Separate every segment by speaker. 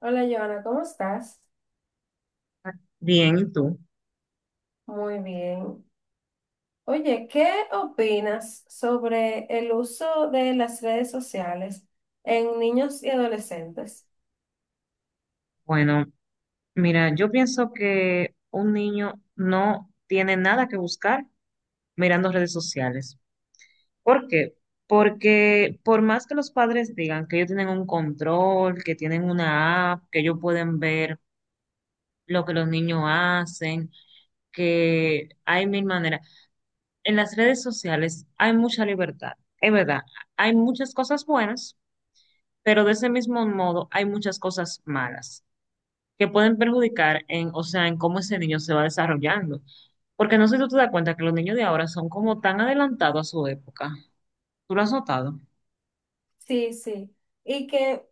Speaker 1: Hola, Joana, ¿cómo estás?
Speaker 2: Bien, ¿y tú?
Speaker 1: Muy bien. Oye, ¿qué opinas sobre el uso de las redes sociales en niños y adolescentes?
Speaker 2: Bueno, mira, yo pienso que un niño no tiene nada que buscar mirando redes sociales. ¿Por qué? Porque por más que los padres digan que ellos tienen un control, que tienen una app, que ellos pueden ver lo que los niños hacen, que hay mil maneras. En las redes sociales hay mucha libertad. Es verdad, hay muchas cosas buenas, pero de ese mismo modo hay muchas cosas malas, que pueden perjudicar en, o sea, en cómo ese niño se va desarrollando. Porque no sé si tú te das cuenta que los niños de ahora son como tan adelantados a su época. ¿Tú lo has notado?
Speaker 1: Sí, sí. Y que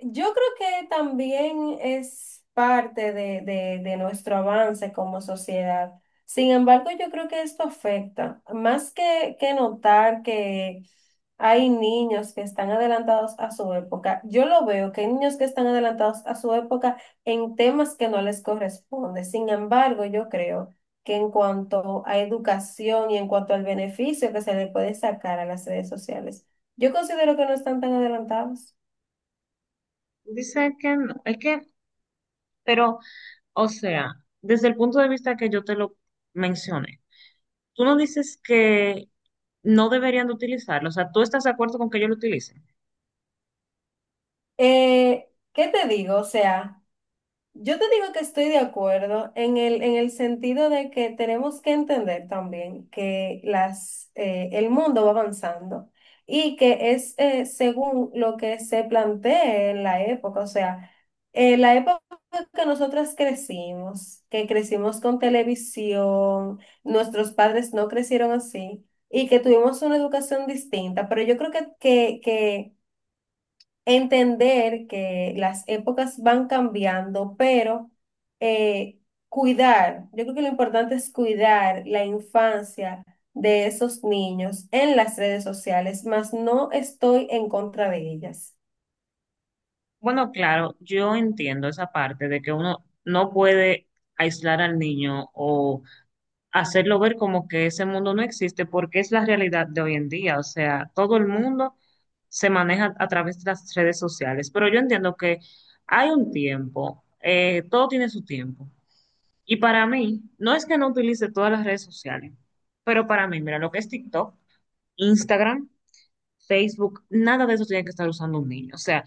Speaker 1: Yo creo que también es parte de, de nuestro avance como sociedad. Sin embargo, yo creo que esto afecta. Más que notar que hay niños que están adelantados a su época, yo lo veo, que hay niños que están adelantados a su época en temas que no les corresponde. Sin embargo, yo creo que en cuanto a educación y en cuanto al beneficio que se le puede sacar a las redes sociales, yo considero que no están tan adelantados.
Speaker 2: Dice que no, es que, pero, o sea, desde el punto de vista que yo te lo mencioné, tú no dices que no deberían de utilizarlo, o sea, tú estás de acuerdo con que ellos lo utilicen.
Speaker 1: ¿Qué te digo? O sea, yo te digo que estoy de acuerdo en el sentido de que tenemos que entender también que el mundo va avanzando y que es según lo que se plantee en la época. O sea, en la época que nosotras crecimos, que crecimos con televisión, nuestros padres no crecieron así y que tuvimos una educación distinta, pero yo creo que entender que las épocas van cambiando, pero eh, cuidar, yo creo que lo importante es cuidar la infancia de esos niños en las redes sociales, mas no estoy en contra de ellas.
Speaker 2: Bueno, claro, yo entiendo esa parte de que uno no puede aislar al niño o hacerlo ver como que ese mundo no existe, porque es la realidad de hoy en día. O sea, todo el mundo se maneja a través de las redes sociales, pero yo entiendo que hay un tiempo, todo tiene su tiempo. Y para mí, no es que no utilice todas las redes sociales, pero para mí, mira, lo que es TikTok, Instagram, Facebook, nada de eso tiene que estar usando un niño. O sea,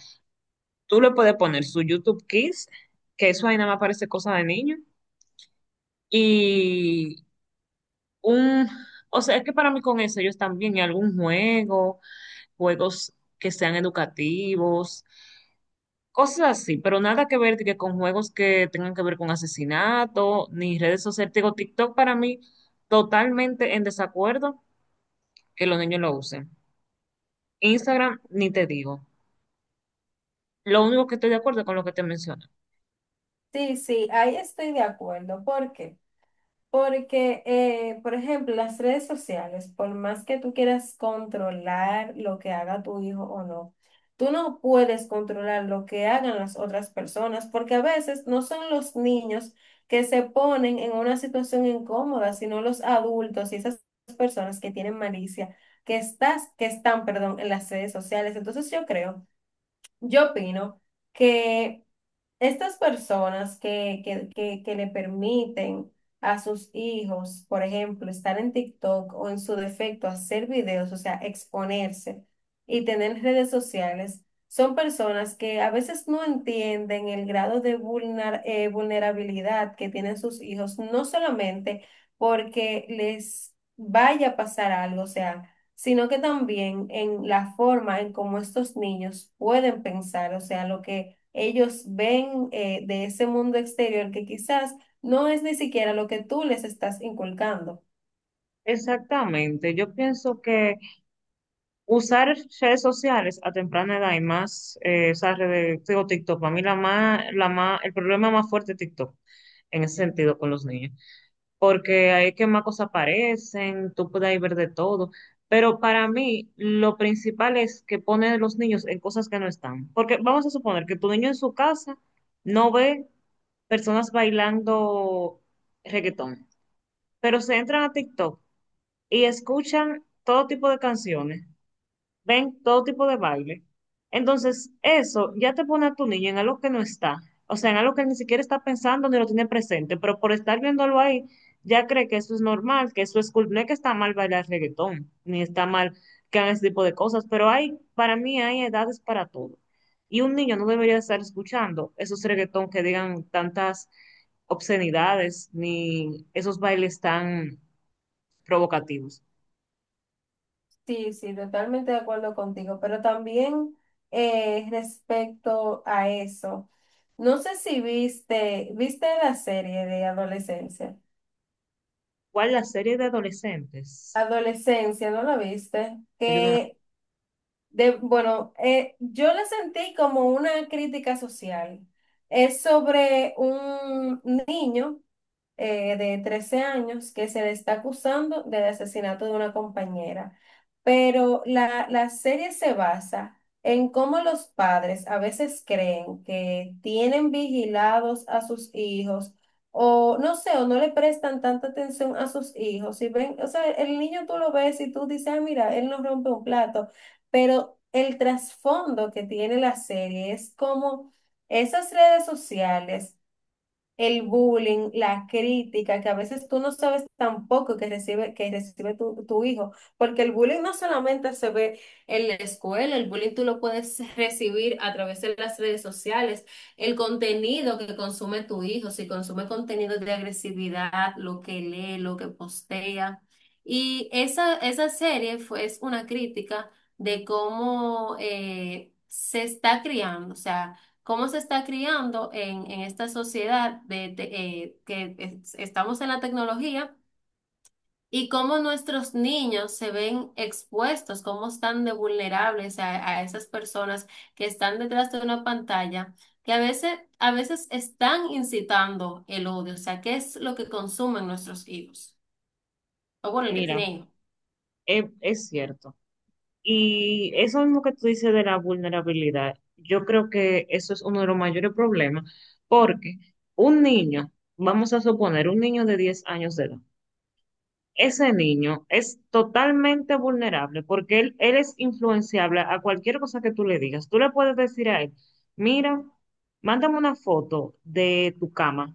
Speaker 2: tú le puedes poner su YouTube Kids, que eso ahí nada más parece cosa de niño. Y un, o sea, es que para mí con eso ellos también, y algún juego, juegos que sean educativos, cosas así, pero nada que ver de que con juegos que tengan que ver con asesinato, ni redes sociales. Digo, TikTok para mí totalmente en desacuerdo que los niños lo usen. Instagram, ni te digo. Lo único que estoy de acuerdo es con lo que te menciono.
Speaker 1: Sí, sí, ahí estoy de acuerdo. Porque por ejemplo, las redes sociales, por más que tú quieras controlar lo que haga tu hijo o no, tú no puedes controlar lo que hagan las otras personas, porque a veces no son los niños que se ponen en una situación incómoda, sino los adultos y esas personas que tienen malicia, que están, perdón, en las redes sociales. Entonces yo creo, yo opino que estas personas que le permiten a sus hijos, por ejemplo, estar en TikTok o en su defecto hacer videos, o sea, exponerse y tener redes sociales, son personas que a veces no entienden el grado de vulnerabilidad que tienen sus hijos, no solamente porque les vaya a pasar algo, o sea, sino que también en la forma en cómo estos niños pueden pensar, o sea, lo que ellos ven de ese mundo exterior que quizás no es ni siquiera lo que tú les estás inculcando.
Speaker 2: Exactamente, yo pienso que usar redes sociales a temprana edad y más, digo, TikTok, para mí la más, el problema más fuerte es TikTok en ese sentido con los niños, porque ahí es que más cosas aparecen, tú puedes ahí ver de todo, pero para mí lo principal es que ponen a los niños en cosas que no están, porque vamos a suponer que tu niño en su casa no ve personas bailando reggaetón, pero se entran a TikTok y escuchan todo tipo de canciones, ven todo tipo de baile. Entonces, eso ya te pone a tu niño en algo que no está, o sea, en algo que ni siquiera está pensando ni lo tiene presente, pero por estar viéndolo ahí, ya cree que eso es normal, que eso es cool. No es que está mal bailar reggaetón, ni está mal que hagan ese tipo de cosas, pero hay, para mí hay edades para todo. Y un niño no debería estar escuchando esos reggaetón que digan tantas obscenidades, ni esos bailes tan provocativos.
Speaker 1: Sí, sí, totalmente de acuerdo contigo, pero también respecto a eso, no sé si viste la serie de adolescencia.
Speaker 2: ¿Cuál la serie de adolescentes?
Speaker 1: Adolescencia, ¿no la viste?
Speaker 2: Yo no la-
Speaker 1: Yo la sentí como una crítica social. Es sobre un niño de 13 años que se le está acusando del asesinato de una compañera. Pero la serie se basa en cómo los padres a veces creen que tienen vigilados a sus hijos o no sé, o no le prestan tanta atención a sus hijos. Y ven, o sea, el niño tú lo ves y tú dices, ah, mira, él no rompe un plato, pero el trasfondo que tiene la serie es como esas redes sociales, el bullying, la crítica, que a veces tú no sabes tampoco que recibe tu hijo, porque el bullying no solamente se ve en la escuela, el bullying tú lo puedes recibir a través de las redes sociales, el contenido que consume tu hijo, si consume contenido de agresividad, lo que lee, lo que postea. Y esa serie es una crítica de cómo se está criando, o sea, cómo se está criando en esta sociedad que estamos en la tecnología y cómo nuestros niños se ven expuestos, cómo están de vulnerables a esas personas que están detrás de una pantalla, que a veces están incitando el odio, o sea, qué es lo que consumen nuestros hijos, o bueno, el que
Speaker 2: Mira,
Speaker 1: tiene hijos.
Speaker 2: es cierto. Y eso mismo que tú dices de la vulnerabilidad, yo creo que eso es uno de los mayores problemas, porque un niño, vamos a suponer un niño de 10 años de edad, ese niño es totalmente vulnerable porque él es influenciable a cualquier cosa que tú le digas. Tú le puedes decir a él, mira, mándame una foto de tu cama,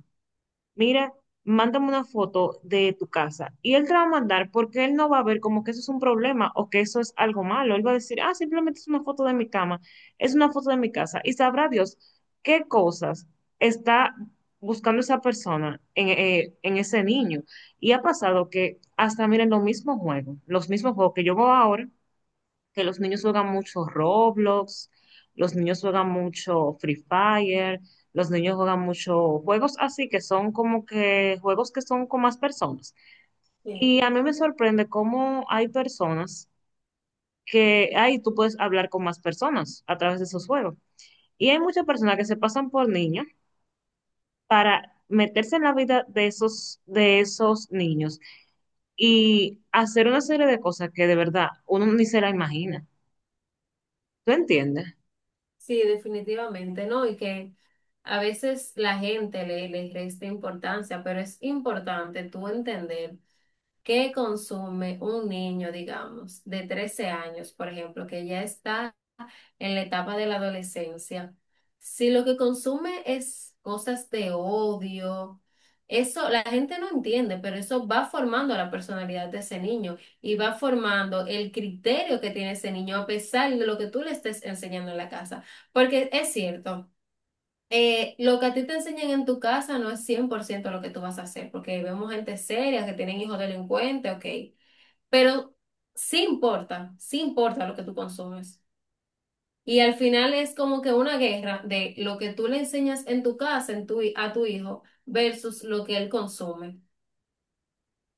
Speaker 2: mira, mándame una foto de tu casa. Y él te va a mandar porque él no va a ver como que eso es un problema o que eso es algo malo. Él va a decir, ah, simplemente es una foto de mi cama, es una foto de mi casa. Y sabrá Dios qué cosas está buscando esa persona en, en ese niño. Y ha pasado que hasta, miren, los mismos juegos que yo veo ahora que los niños juegan mucho Roblox, los niños juegan mucho Free Fire, los niños juegan mucho juegos así que son como que juegos que son con más personas.
Speaker 1: Sí,
Speaker 2: Y a mí me sorprende cómo hay personas que ahí tú puedes hablar con más personas a través de esos juegos. Y hay muchas personas que se pasan por niños para meterse en la vida de esos niños y hacer una serie de cosas que de verdad uno ni se la imagina. ¿Tú entiendes?
Speaker 1: sí, definitivamente, ¿no? Y que a veces la gente le resta importancia, pero es importante tú entender. ¿Qué consume un niño, digamos, de 13 años, por ejemplo, que ya está en la etapa de la adolescencia? Si lo que consume es cosas de odio, eso la gente no entiende, pero eso va formando la personalidad de ese niño y va formando el criterio que tiene ese niño a pesar de lo que tú le estés enseñando en la casa. Porque es cierto. Lo que a ti te enseñan en tu casa no es 100% lo que tú vas a hacer, porque vemos gente seria que tienen hijos delincuentes, ok, pero sí importa lo que tú consumes. Y al final es como que una guerra de lo que tú le enseñas en tu casa, en tu, a tu hijo, versus lo que él consume.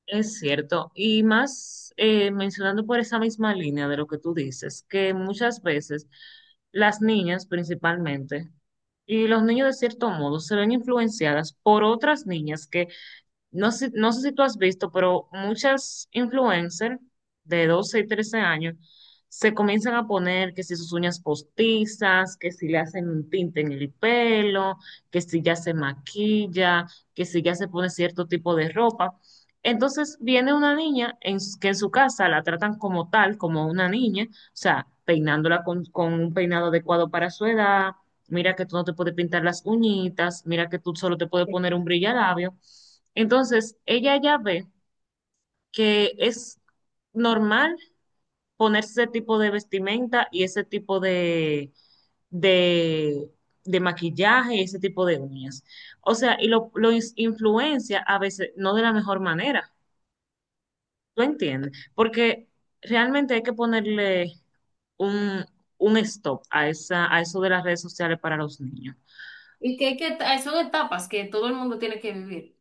Speaker 2: Es cierto, y más mencionando por esa misma línea de lo que tú dices, que muchas veces las niñas principalmente y los niños de cierto modo se ven influenciadas por otras niñas que no sé si tú has visto, pero muchas influencers de 12 y 13 años se comienzan a poner que si sus uñas postizas, que si le hacen un tinte en el pelo, que si ya se maquilla, que si ya se pone cierto tipo de ropa. Entonces viene una niña que en su casa la tratan como tal, como una niña, o sea, peinándola con un peinado adecuado para su edad. Mira que tú no te puedes pintar las uñitas, mira que tú solo te puedes poner un brillalabio. Entonces, ella ya ve que es normal ponerse ese tipo de vestimenta y ese tipo de, de maquillaje y ese tipo de uñas. O sea, y influencia a veces no de la mejor manera, ¿tú entiendes? Porque realmente hay que ponerle un, un stop a a eso de las redes sociales para los niños.
Speaker 1: Hay que son etapas que todo el mundo tiene que vivir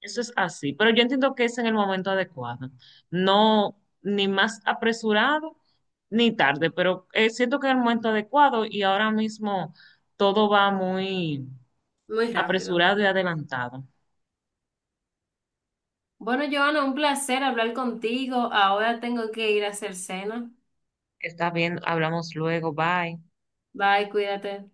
Speaker 2: Eso es así, pero yo entiendo que es en el momento adecuado, no ni más apresurado ni tarde, pero siento que es el momento adecuado y ahora mismo todo va muy
Speaker 1: muy rápido.
Speaker 2: apresurado y adelantado.
Speaker 1: Bueno, Joana, un placer hablar contigo. Ahora tengo que ir a hacer cena.
Speaker 2: Está bien, hablamos luego, bye.
Speaker 1: Bye, cuídate.